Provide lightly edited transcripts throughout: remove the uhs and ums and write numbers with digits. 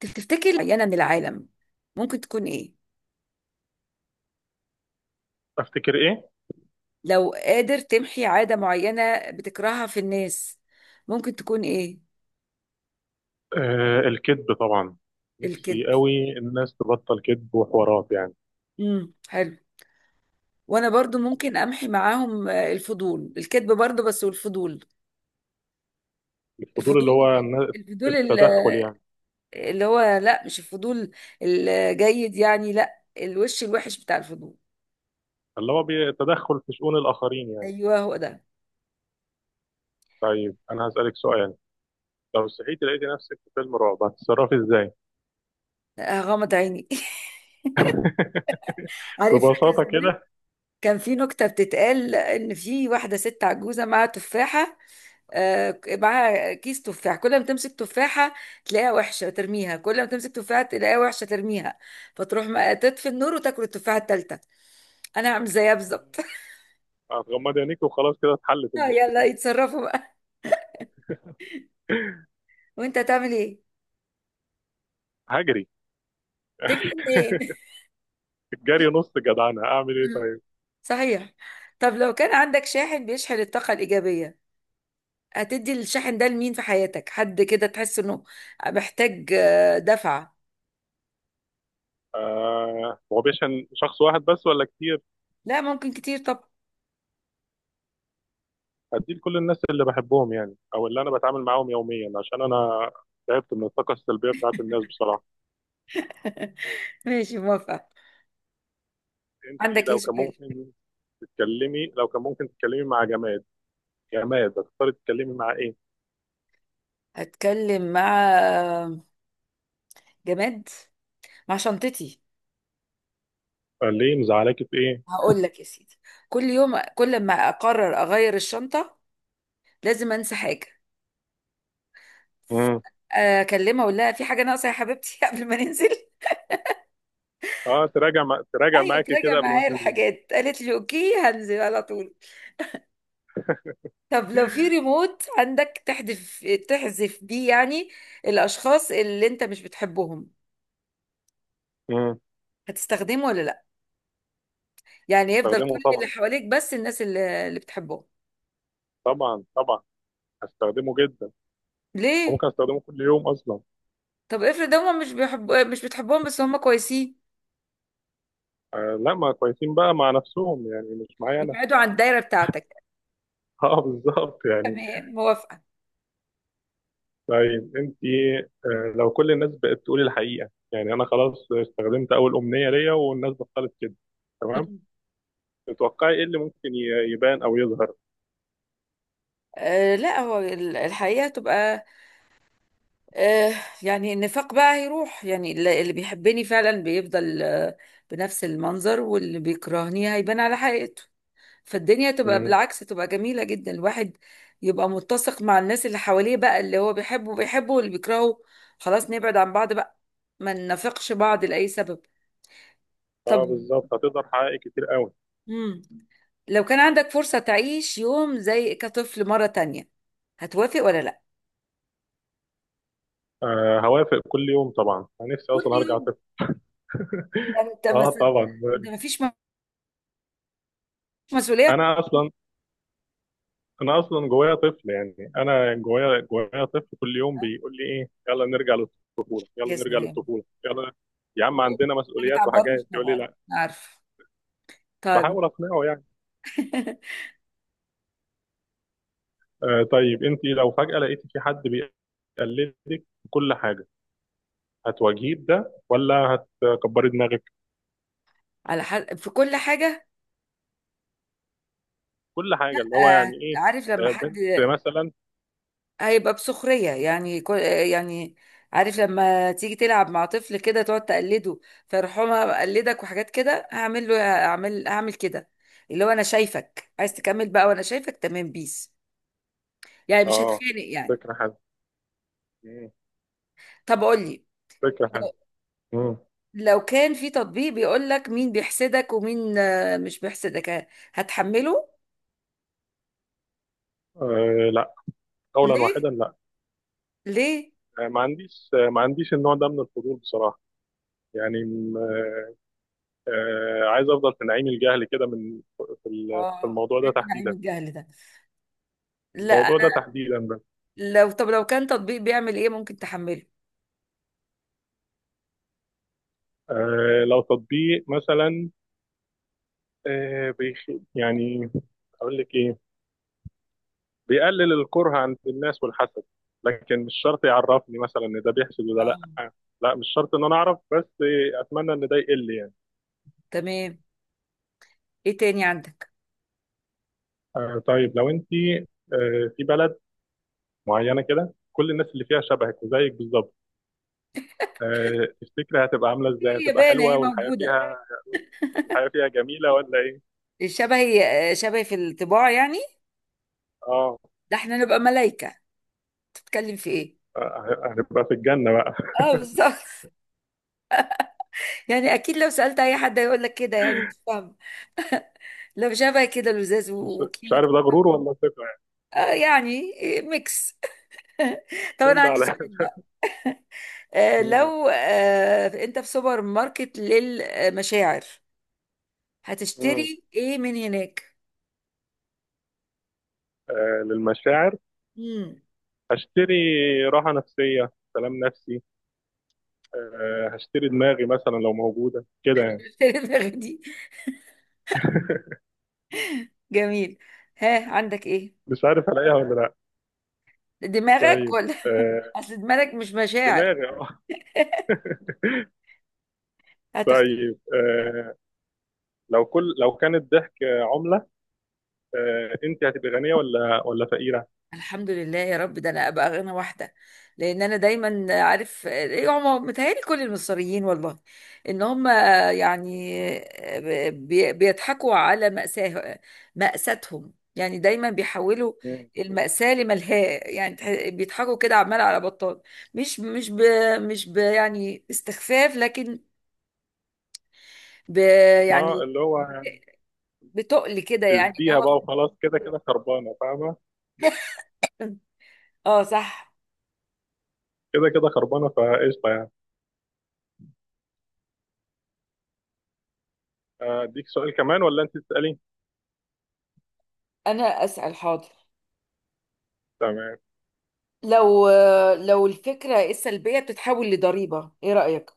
تفتكر معينة من العالم ممكن تكون إيه؟ افتكر ايه؟ لو قادر تمحي عادة معينة بتكرهها في الناس ممكن تكون إيه؟ الكذب طبعا. نفسي الكذب. قوي. الناس تبطل كذب وحوارات يعني. حلو. وأنا برضو ممكن أمحي معاهم، الفضول، الكذب برضو، بس والفضول. الفضول اللي الفضول هو الفضول التدخل يعني. اللي هو لا، مش الفضول الجيد، يعني لا، الوش الوحش بتاع الفضول. اللي هو التدخل في شؤون الاخرين يعني. أيوه هو ده. طيب انا هسألك سؤال. لو صحيتي لقيتي نفسك في فيلم رعب، هتتصرفي ازاي؟ غمض عيني عارف، فاكر ببساطة زمان كده. كان في نكتة بتتقال، إن في واحدة ست عجوزة معاها تفاحة، معاها كيس تفاح، كل ما تمسك تفاحة تلاقيها وحشة ترميها، كل ما تمسك تفاحة تلاقيها وحشة ترميها، فتروح ما تطفي النور وتاكل التفاحة التالتة. أنا هعمل زيها بالظبط هتغمضي عينيك وخلاص كده اتحلت يلا المشكلة. يتصرفوا بقى. وأنت هتعمل إيه؟ هجري. تجري منين؟ الجري نص جدعنة، اعمل ايه طيب؟ صحيح. طب لو كان عندك شاحن بيشحن الطاقة الإيجابية، هتدي الشاحن ده لمين في حياتك؟ حد كده تحس إنه محتاج دفعة. هو بيشن شخص واحد بس ولا كتير؟ لا، ممكن كتير. طب هديه لكل الناس اللي بحبهم يعني، او اللي انا بتعامل معاهم يوميا، عشان انا تعبت من الطاقه السلبيه بتاعت الناس بصراحه. ماشي، موافقة. انت عندك إيه لو كان سؤال؟ ممكن تتكلمي، لو كان ممكن تتكلمي مع جماد، جماد هتختاري تتكلمي مع ايه؟ هتكلم مع جماد، مع شنطتي. قال ليه، مزعلاكي في ايه؟ هقول لك يا سيدي، كل يوم كل ما اقرر اغير الشنطه لازم انسى حاجه، امم. اكلمها اقول لها في حاجه ناقصه يا حبيبتي قبل ما ننزل. اه تراجع مع... تراجع ايوه، معاكي تراجع كده قبل ما معايا تنزلي. الحاجات، قالت لي اوكي، هنزل على طول. طب لو في ريموت عندك تحذف بيه، يعني الاشخاص اللي انت مش بتحبهم، امم. هتستخدمه ولا لا؟ يعني يفضل كل استخدمه اللي طبعا. حواليك، بس الناس اللي بتحبهم. طبعا. هستخدمه جدا. ليه؟ ممكن استخدمه كل يوم اصلا. طب افرض هم مش بيحبوا، مش بتحبهم بس هم كويسين. آه لا، ما كويسين بقى مع نفسهم يعني، مش معايا انا. يبعدوا عن الدايرة بتاعتك. اه بالظبط يعني. تمام، موافقة. طيب انت، لو كل الناس بقت تقول الحقيقه، يعني انا خلاص استخدمت اول امنيه ليا والناس بطلت كده، تمام، مم. تتوقعي ايه اللي ممكن يبان او يظهر؟ آه لا، هو الحقيقة تبقى. آه يعني النفاق بقى هيروح، يعني اللي بيحبني فعلا بيفضل بنفس المنظر، واللي بيكرهني هيبان على حقيقته، فالدنيا تبقى مم. بالعكس، تبقى جميلة جدا. الواحد يبقى متسق مع الناس اللي حواليه بقى، اللي هو بيحبه بيحبه، واللي بيكرهه خلاص نبعد عن بعض بقى، ما ننافقش بعض لأي سبب. اه طب. بالظبط، هتقدر حقائق كتير قوي. مم. لو كان عندك فرصة تعيش يوم زي كطفل مرة تانية، هتوافق ولا لا؟ آه هوافق كل يوم طبعا، انا نفسي كل اصلا ارجع يوم؟ طفل. ده انت اه مثلا، طبعا. ده مفيش مسؤولية. انا اصلا انا اصلا جوايا طفل، يعني انا جوايا طفل كل يوم آه، بيقول لي ايه، يلا نرجع للطفوله، يلا يا نرجع سلام. للطفوله، يلا. يا عم و- عندنا ما مسؤوليات بتعبروش وحاجات، يقول لي طبعا، لا. عارف. طيب بحاول اقنعه. آه طيب انت لو فجأة لقيتي في حد بيقلدك في كل حاجة، هتواجهيه بده ولا هتكبري دماغك؟ على حد في كل حاجة؟ في كل حاجة اللي هو يعني ايه؟ عارف لما آه حد بنت مثلا. هيبقى بسخرية، يعني يعني عارف لما تيجي تلعب مع طفل كده تقعد تقلده، فيرحمها بقلدك وحاجات كده، هعمل له، هعمل كده، اللي هو انا شايفك عايز تكمل بقى وانا شايفك تمام بيس، يعني مش اه هتخانق يعني. فكرة حلوة. مم. طب قول لي، فكرة لو حلوة. مم. لو كان في تطبيق بيقول لك مين بيحسدك ومين مش بيحسدك، هتحمله؟ آه لا، قولا ليه؟ واحدا لا. ليه؟ آه ما عنديش النوع ده من الفضول بصراحة. يعني م- آه عايز افضل في نعيم الجهل كده من في اه، الموضوع ده علم نعيم تحديدا. الجهل ده. لا. الموضوع ده تحديدا بس. طب لو كان تطبيق بيعمل ايه ممكن تحمله. آه لو تطبيق مثلا، آه، بيخ... يعني اقول لك ايه، بيقلل الكره عند الناس والحسد، لكن مش شرط يعرفني مثلا ان ده بيحسد وده لا. اه، لا مش شرط ان انا اعرف، بس اتمنى ان ده يقل يعني. تمام. ايه تاني عندك؟ آه طيب لو انت في بلد معينه كده كل الناس اللي فيها شبهك وزيك بالظبط، تفتكري هتبقى عامله في ازاي، هتبقى اليابان حلوه اهي والحياه موجودة فيها، الحياه فيها جميله ولا ايه؟ شبهي، شبهي في الطباع يعني. اه، ده احنا نبقى ملايكة، تتكلم في ايه. آه، هنبقى في الجنه بقى. اه بالظبط يعني اكيد لو سألت اي حد هيقول لك كده، يعني مش فاهم، لو شبه كده لزاز مش مش وكيوت. عارف ده غرور ولا ثقه يعني، يعني إيه، ميكس. طب من انا ده عندي على سؤال ده. بقى. مم. لو انت في سوبر ماركت للمشاعر، مم. هتشتري ايه من هناك؟ آه للمشاعر، امم. هشتري راحة نفسية، سلام نفسي، آه، هشتري دماغي مثلا لو موجودة كده يعني. المشاعر دي. جميل. ها، عندك ايه؟ مش عارف ألاقيها ولا لأ. دماغك طيب، ولا؟ آه، اصل دماغك مش مشاعر. دماغي اه. هتخت... طيب، لو كان الضحك عملة، آه، أنت هتبقي غنية ولا فقيرة؟ الحمد لله يا رب، ده انا ابقى غنى واحده، لان انا دايما عارف إيه هم، متهيألي كل المصريين والله ان هم، يعني بيضحكوا على مأساه، مأساتهم، يعني دايما بيحولوا مم. المأساة لملهاة، يعني بيضحكوا كده عمال على بطال. مش ب، مش ب، يعني استخفاف، لكن ب، اه يعني اللي هو بتقل كده يعني ان اديها هو بقى وخلاص، كده كده خربانة فاهمة؟ اه صح. كده كده خربانة فقشطة يعني. آه، أديك سؤال كمان ولا أنت تسألي؟ انا اسال، حاضر. تمام. لو لو الفكره السلبيه بتتحول لضريبه، ايه رايك؟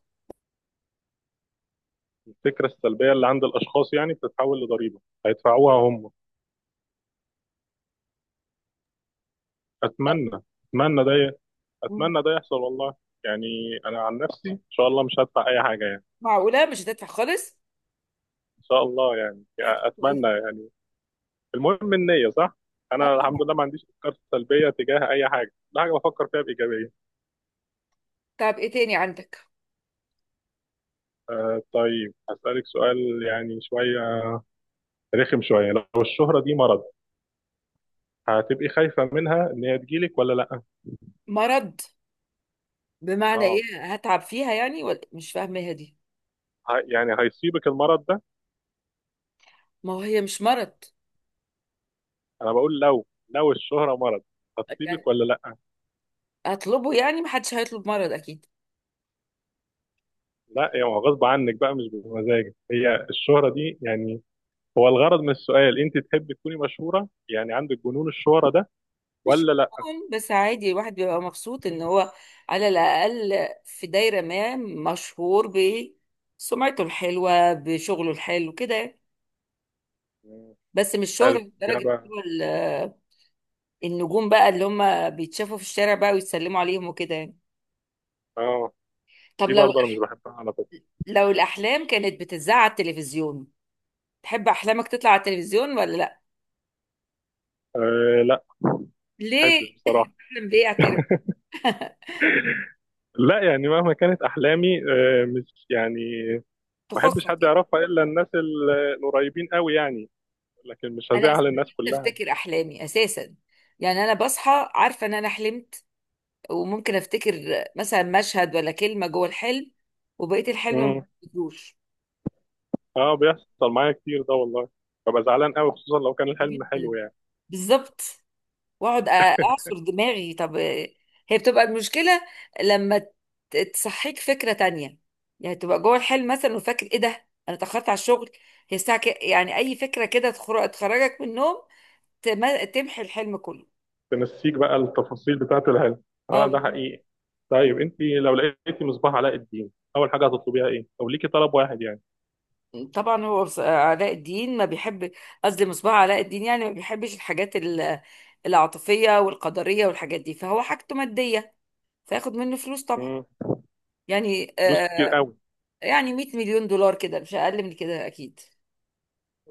الفكرة السلبية اللي عند الأشخاص يعني بتتحول لضريبة هيدفعوها هم. اتمنى، اتمنى ده، مم. اتمنى ده يحصل والله. يعني انا عن نفسي ان شاء الله مش هدفع اي حاجه يعني. معقوله مش هتدفع خالص؟ ان شاء الله يعني هتبقى كويس. اتمنى يعني. المهم النيه صح. اه انا الحمد طبعا. لله ما عنديش افكار سلبيه تجاه اي حاجه، كل حاجه بفكر فيها بايجابيه. طب ايه تاني عندك؟ آه طيب هسالك سؤال يعني شويه رخم شويه. لو الشهره دي مرض، هتبقي خايفه منها ان هي تجيلك ولا لا؟ مرض بمعنى اه ايه؟ هتعب فيها يعني؟ ولا مش فاهمها دي. يعني هيصيبك المرض ده. ما هو هي مش مرض انا بقول لو، لو الشهره مرض، هتصيبك يعني ولا لا؟ هطلبه، يعني محدش هيطلب مرض اكيد. لا يعني هو غصب عنك بقى، مش بمزاجك هي الشهرة دي يعني. هو الغرض من السؤال، انت تحبي تكوني مشهورة يعني، عندك جنون الشهرة ده ولا لا؟ طبعاً، بس عادي، الواحد بيبقى مبسوط ان هو على الاقل في دايره ما مشهور بسمعته الحلوه، بشغله الحلو كده يعني. مم. بس مش شهرة حلو لدرجة إن إجابة. هو النجوم بقى اللي هم بيتشافوا في الشارع بقى ويتسلموا عليهم وكده يعني. اه طب دي برضه انا مش بحبها على فكرة. لو الأحلام كانت بتذاع على التلفزيون، تحب أحلامك تطلع على التلفزيون ولا لأ؟ آه لا ما بحبش ليه؟ بصراحة. أحلم بإيه، أعترف؟ لا يعني مهما كانت احلامي، آه مش يعني، ما بحبش تخصك حد يعني. يعرفها الا الناس القريبين قوي يعني، لكن مش أنا أساسا هزعل الناس نفسي كلها. أفتكر أحلامي أساسا، يعني أنا بصحى عارفة إن أنا حلمت، وممكن أفتكر مثلا مشهد ولا كلمة جوه الحلم، وبقية الحلم ما مم. بفتكروش. اه بيحصل معايا كتير ده والله، ببقى زعلان قوي خصوصا لو كان الحلم حلو جدا، يعني. بالظبط. واقعد اعصر دماغي. طب، هي بتبقى المشكله لما تصحيك فكره تانية، يعني تبقى جوه الحلم مثلا وفاكر ايه ده، انا اتاخرت على الشغل، هي الساعه يعني اي فكره كده تخرجك من النوم، تمحي الحلم كله. تنسيك بقى التفاصيل بتاعة العلم. اه آه، ده حقيقي. طيب انت لو لقيتي مصباح علاء الدين، اول حاجة هتطلبيها ايه، او ليكي طلب واحد يعني؟ طبعا هو علاء الدين ما بيحب، قصدي مصباح علاء الدين يعني ما بيحبش الحاجات العاطفيه والقدريه والحاجات دي، فهو حاجته ماديه، فياخد منه فلوس طبعا. مم. يعني فلوس كتير قوي. يعني 100 مليون دولار كده، مش اقل من كده اكيد.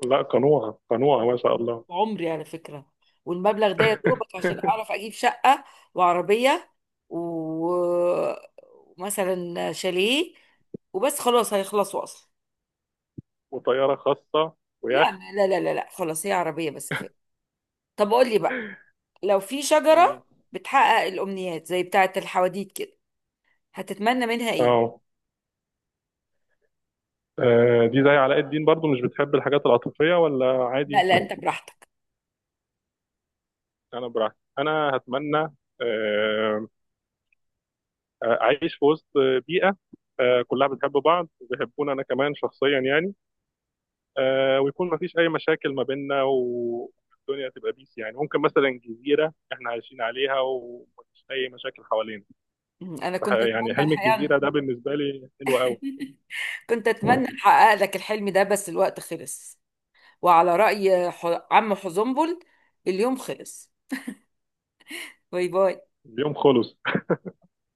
لا قنوعة قنوعة ما شاء الله. عمري على فكرة، والمبلغ ده يا دوبك عشان أعرف أجيب شقة وعربية و- ومثلا شاليه، وبس خلاص هيخلصوا أصلا. وطيارة خاصة، لا ويخت. لا لا لا لا، خلاص هي عربية بس كفاية. طب قول لي بقى، لو في مم. شجرة بتحقق الأمنيات زي بتاعة الحواديت كده، هتتمنى منها إيه؟ اه، آه، دي زي علاء الدين برضو، مش بتحب الحاجات العاطفية ولا لا عادي؟ لا، أنت براحتك. انا براحتي انا هتمنى، آه، اعيش في وسط بيئة، آه، كلها بتحب بعض وبيحبوني انا كمان شخصيا يعني، آه ويكون ما فيش اي مشاكل ما بيننا، والدنيا تبقى بيس يعني. ممكن مثلا جزيره احنا عايشين عليها ومفيش اي مشاكل حوالينا. مم، أنا كنت يعني أتمنى حلم الحقيقة الجزيره ده بالنسبه لي حلو قوي. كنت أتمنى أحقق لك الحلم ده بس الوقت خلص، وعلى رأي عم حزنبل، اليوم خلص. باي باي. اليوم خلص.